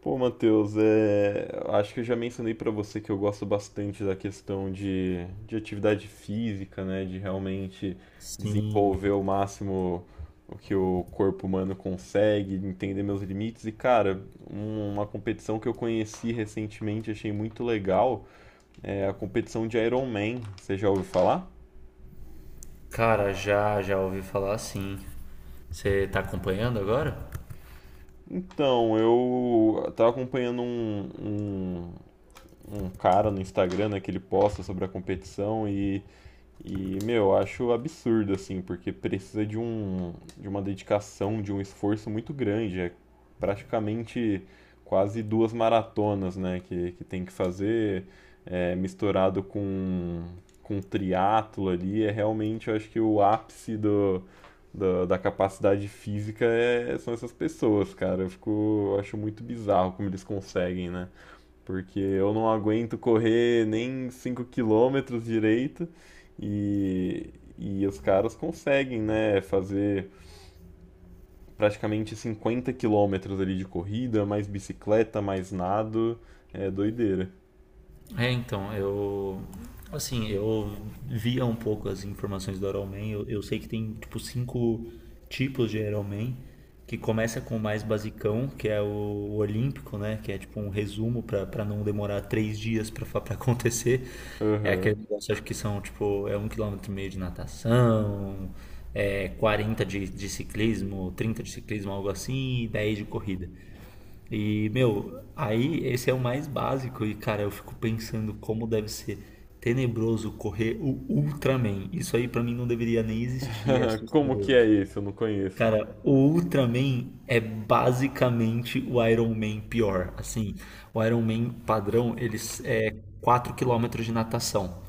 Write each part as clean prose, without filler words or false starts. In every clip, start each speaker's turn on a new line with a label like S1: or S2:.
S1: Pô, Matheus, é, acho que eu já mencionei pra você que eu gosto bastante da questão de atividade física, né? De realmente
S2: Sim.
S1: desenvolver o máximo o que o corpo humano consegue, entender meus limites. E, cara, uma competição que eu conheci recentemente, achei muito legal, é a competição de Iron Man. Você já ouviu falar?
S2: Cara, já ouvi falar, sim. Você tá acompanhando agora?
S1: Então, eu tava acompanhando um, um cara no Instagram, né, que ele posta sobre a competição e. E, meu, eu acho absurdo, assim, porque precisa de uma dedicação, de um esforço muito grande. É praticamente quase duas maratonas, né, que tem que fazer, é, misturado com triatlo ali. É realmente, eu acho que o ápice da capacidade física são essas pessoas, cara. Eu acho muito bizarro como eles conseguem, né? Porque eu não aguento correr nem 5 quilômetros direito e, e os caras conseguem, né, fazer praticamente 50 quilômetros ali de corrida, mais bicicleta, mais nado. É doideira.
S2: É, então, eu. Assim, eu via um pouco as informações do Iron Man. Eu sei que tem, tipo, cinco tipos de Iron Man. Que começa com o mais basicão, que é o Olímpico, né? Que é, tipo, um resumo pra não demorar 3 dias pra acontecer. É
S1: Aham.
S2: aquele negócio, acho que são, tipo, é 1,5 quilômetro de natação, é 40 de ciclismo, 30 de ciclismo, algo assim, e 10 de corrida. E, meu, aí esse é o mais básico e, cara, eu fico pensando como deve ser tenebroso correr o Ultraman. Isso aí pra mim não deveria nem existir, é
S1: Como que
S2: assustador.
S1: é esse? Eu não conheço.
S2: Cara, o Ultraman é basicamente o Iron Man pior. Assim, o Iron Man padrão, eles é 4 quilômetros de natação.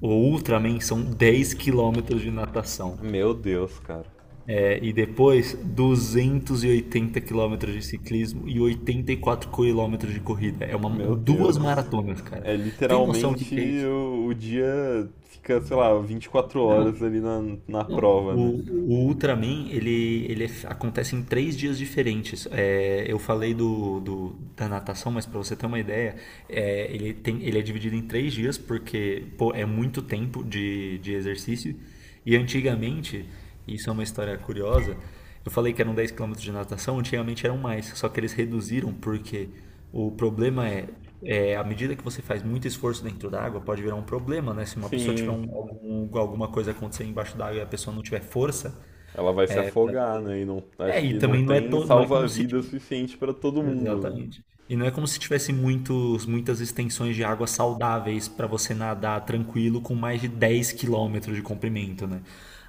S2: O Ultraman são 10 quilômetros de natação.
S1: Meu Deus, cara.
S2: E depois, 280 quilômetros de ciclismo e 84 quilômetros de corrida. É
S1: Meu
S2: duas
S1: Deus.
S2: maratonas, cara.
S1: É
S2: Tem noção do
S1: literalmente
S2: que é isso?
S1: o dia fica, sei lá, 24
S2: Não.
S1: horas ali na prova, né?
S2: O, o Ultraman, ele, acontece em 3 dias diferentes. É, eu falei da natação, mas para você ter uma ideia, é, ele, tem, ele é dividido em 3 dias porque, pô, é muito tempo de exercício. E antigamente, isso é uma história curiosa, eu falei que eram 10 quilômetros de natação, antigamente eram mais, só que eles reduziram porque o problema é à medida que você faz muito esforço dentro da água, pode virar um problema, né? Se uma pessoa tiver
S1: Sim.
S2: alguma coisa acontecer embaixo da água e a pessoa não tiver força,
S1: Ela vai se afogar, né? E não, acho
S2: é, e
S1: que não
S2: também não é,
S1: tem
S2: to- não é como se.
S1: salva-vida suficiente pra todo mundo, né?
S2: Exatamente. E não é como se tivesse muitas extensões de água saudáveis para você nadar tranquilo com mais de 10 quilômetros de comprimento, né?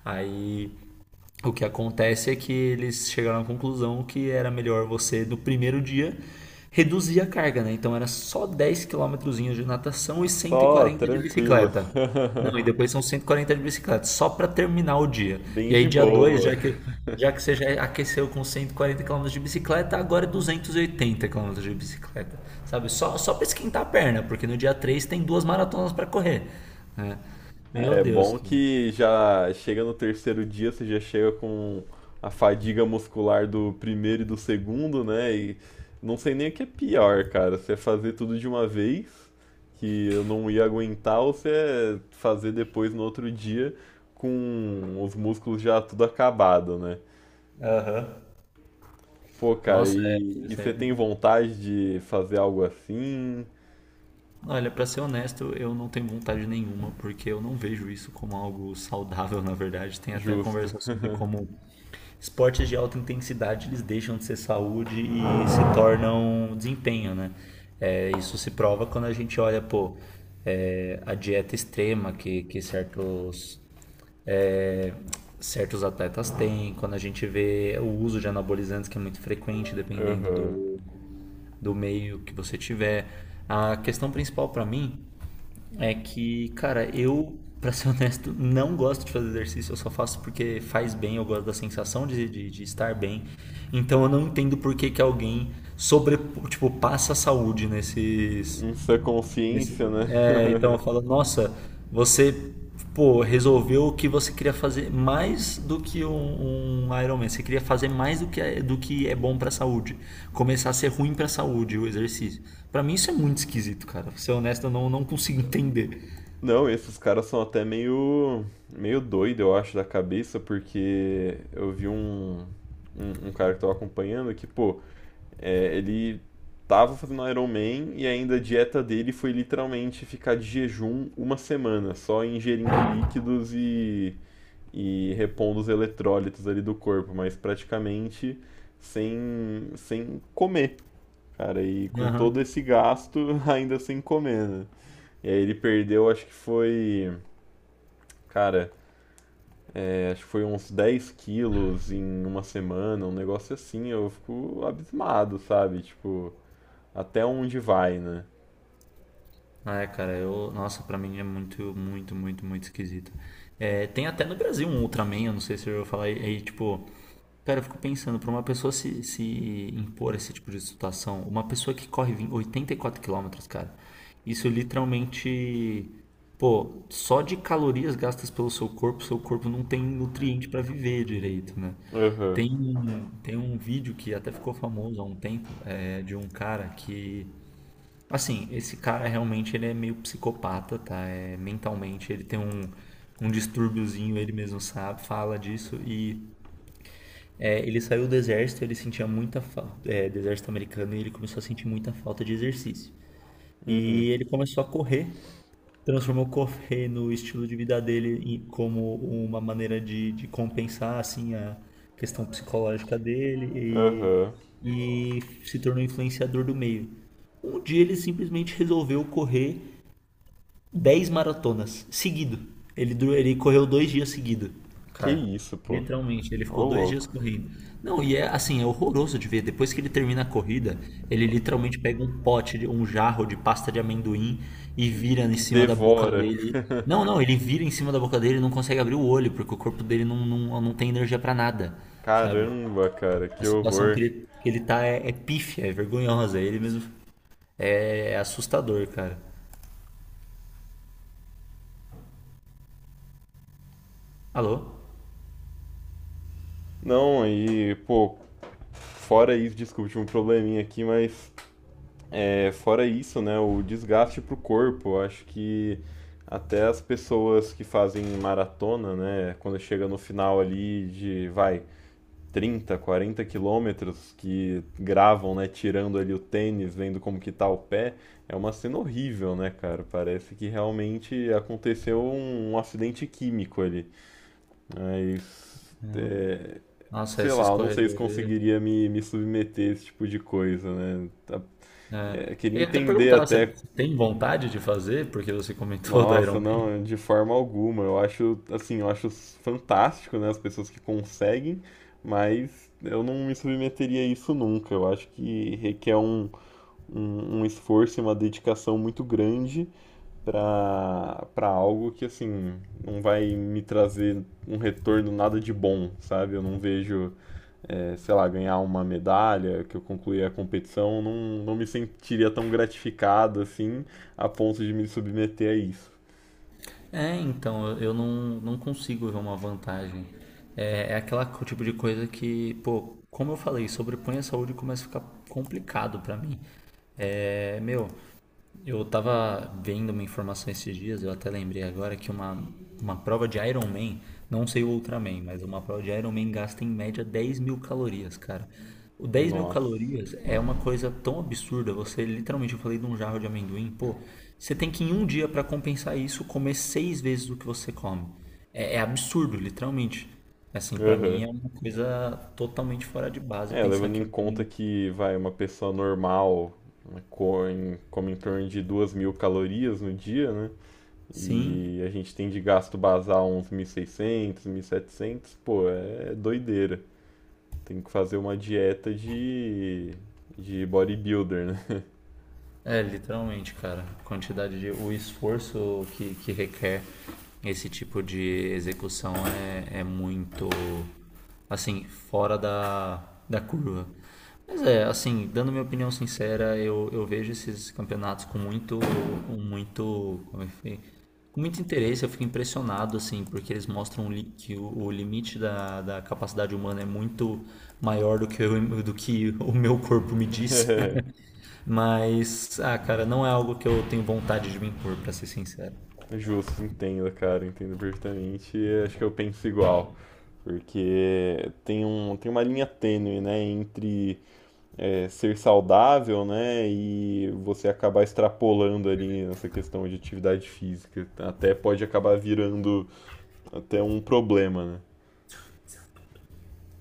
S2: Aí o que acontece é que eles chegaram à conclusão que era melhor você, do primeiro dia, reduzir a carga, né? Então era só 10 quilômetrozinhos de natação
S1: É.
S2: e cento e
S1: Só
S2: quarenta de
S1: tranquilo.
S2: bicicleta. Não, e depois são 140 de bicicleta, só para terminar o dia.
S1: Bem
S2: E aí
S1: de
S2: dia 2,
S1: boa.
S2: já que você já aqueceu com 140 quilômetros de bicicleta, agora é 280 quilômetros de bicicleta, sabe? Só para esquentar a perna, porque no dia 3 tem duas maratonas para correr, né? Meu
S1: É
S2: Deus,
S1: bom
S2: cara.
S1: que já chega no terceiro dia, você já chega com a fadiga muscular do primeiro e do segundo, né? E não sei nem o que é pior, cara. Você fazer tudo de uma vez, que eu não ia aguentar, ou você fazer depois no outro dia com os músculos já tudo acabado, né?
S2: Aham.
S1: Pô, cara,
S2: Nossa, é,
S1: e,
S2: isso aí.
S1: você
S2: é
S1: tem vontade de fazer algo assim?
S2: Olha, para ser honesto, eu não tenho vontade nenhuma, porque eu não vejo isso como algo saudável, na verdade. Tem até
S1: Justo.
S2: conversa sobre como esportes de alta intensidade eles deixam de ser saúde e se tornam desempenho, né? É, isso se prova quando a gente olha, pô, é, a dieta extrema que é, certos atletas têm, quando a gente vê o uso de anabolizantes que é muito frequente, dependendo
S1: Aham.
S2: do meio que você tiver. A questão principal para mim é que, cara, eu, para ser honesto, não gosto de fazer exercício, eu só faço porque faz bem, eu gosto da sensação de estar bem. Então eu não entendo por que alguém sobre, passa a saúde
S1: Isso é consciência,
S2: Nesse-
S1: né?
S2: é, então eu falo, nossa, você, pô, resolveu o que você queria fazer mais do que um Ironman. Você queria fazer mais do que é bom pra saúde. Começar a ser ruim pra saúde o exercício. Pra mim isso é muito esquisito, cara. Pra ser honesto, eu não consigo entender.
S1: Não, esses caras são até meio doido, eu acho, da cabeça, porque eu vi um cara que tava acompanhando que, pô, é, ele tava fazendo Iron Man e ainda a dieta dele foi literalmente ficar de jejum uma semana, só ingerindo líquidos e repondo os eletrólitos ali do corpo, mas praticamente sem comer, cara. E com todo
S2: Aham.
S1: esse gasto, ainda sem comer, né? E aí ele perdeu, acho que foi. Cara, é, acho que foi uns 10 quilos em uma semana, um negócio assim. Eu fico abismado, sabe? Tipo, até onde vai, né?
S2: Ah, é, cara, eu, nossa, pra mim é muito, muito, muito, muito esquisito. É, tem até no Brasil um Ultraman, eu não sei se eu vou falar aí, tipo, cara, eu fico pensando, para uma pessoa se impor a esse tipo de situação, uma pessoa que corre 20 84 quilômetros, cara, isso literalmente, pô, só de calorias gastas pelo seu corpo não tem nutriente para viver direito, né?
S1: Aham, uhum,
S2: Tem tem um vídeo que até ficou famoso há um tempo, é, de um cara que, assim, esse cara realmente ele é meio psicopata, tá? É, mentalmente ele tem um distúrbiozinho, ele mesmo sabe, fala disso e é, ele saiu do exército, ele sentia muita falta, é, do exército americano, e ele começou a sentir muita falta de exercício. E ele começou a correr, transformou correr no estilo de vida dele como uma maneira de compensar, assim, a questão psicológica
S1: aham.
S2: dele
S1: Uhum.
S2: e se tornou influenciador do meio. Um dia ele simplesmente resolveu correr 10 maratonas seguido. Ele correu 2 dias seguido.
S1: Que
S2: Cara,
S1: isso, pô.
S2: literalmente, ele
S1: Ô,
S2: ficou 2 dias
S1: louco.
S2: correndo. Não, e é assim, é horroroso de ver. Depois que ele termina a corrida, ele literalmente pega um jarro de pasta de amendoim e
S1: E
S2: vira em cima da boca
S1: devora.
S2: dele. Não, não, ele vira em cima da boca dele e não consegue abrir o olho, porque o corpo dele não, não, não tem energia pra nada, sabe?
S1: Caramba, cara,
S2: A
S1: que
S2: situação
S1: horror.
S2: que ele tá é, é pífia, é vergonhosa. Ele mesmo é assustador, cara. Alô?
S1: Não, aí pô, fora isso, desculpa, tive um probleminha aqui, mas é, fora isso, né, o desgaste pro corpo, eu acho que até as pessoas que fazem maratona, né, quando chega no final ali de, vai, 30 40 quilômetros, que gravam, né, tirando ali o tênis, vendo como que tá o pé, é uma cena horrível, né, cara? Parece que realmente aconteceu um acidente químico ali. Mas é,
S2: Nossa,
S1: sei
S2: esses
S1: lá, eu não sei se
S2: corredores.
S1: conseguiria me submeter a esse tipo de coisa, né?
S2: É.
S1: É, queria
S2: Eu ia até
S1: entender
S2: perguntar, você
S1: até.
S2: tem vontade de fazer? Porque você comentou do
S1: Nossa,
S2: Iron Man.
S1: não, de forma alguma. Eu acho, assim, eu acho fantástico, né, as pessoas que conseguem, mas eu não me submeteria a isso nunca. Eu acho que requer um esforço e uma dedicação muito grande para algo que, assim, não vai me trazer um retorno nada de bom, sabe? Eu não vejo eh, sei lá, ganhar uma medalha, que eu concluí a competição, não, não me sentiria tão gratificado assim, a ponto de me submeter a isso.
S2: É, então, eu não consigo ver uma vantagem. É, é tipo de coisa que, pô, como eu falei, sobrepõe a saúde e começa a ficar complicado pra mim. É, meu. Eu tava vendo uma informação esses dias, eu até lembrei agora que uma prova de Iron Man, não sei o Ultraman, mas uma prova de Iron Man gasta em média 10.000 calorias, cara. O dez mil
S1: Nossa.
S2: calorias é uma coisa tão absurda, você literalmente, eu falei de um jarro de amendoim, pô, você tem que em um dia pra compensar isso comer seis vezes o que você come. É, é absurdo, literalmente. Assim, pra mim
S1: Aham.
S2: é uma coisa totalmente fora de base
S1: É,
S2: pensar
S1: levando
S2: que
S1: em conta
S2: alguém.
S1: que, vai, uma pessoa normal né, come em torno de 2.000 calorias no dia, né?
S2: Sim.
S1: E a gente tem de gasto basal uns 1.600, setecentos, pô, é doideira. Tem que fazer uma dieta de bodybuilder, né?
S2: É, literalmente, cara. Quantidade de. O esforço que requer esse tipo de execução é, é muito. Assim, fora da curva. Mas é, assim, dando minha opinião sincera, eu vejo esses campeonatos com muito. Com muito. Como é que foi? Com muito interesse, eu fico impressionado, assim, porque eles mostram que o limite da capacidade humana é muito maior do que, do que o meu corpo me diz. Mas, ah, cara, não é algo que eu tenho vontade de me impor, pra ser sincero.
S1: Justo, entendo, cara, entendo perfeitamente. E acho que eu penso igual, porque tem um, tem uma linha tênue, né, entre é, ser saudável, né, e você acabar extrapolando ali nessa questão de atividade física. Até pode acabar virando até um problema, né?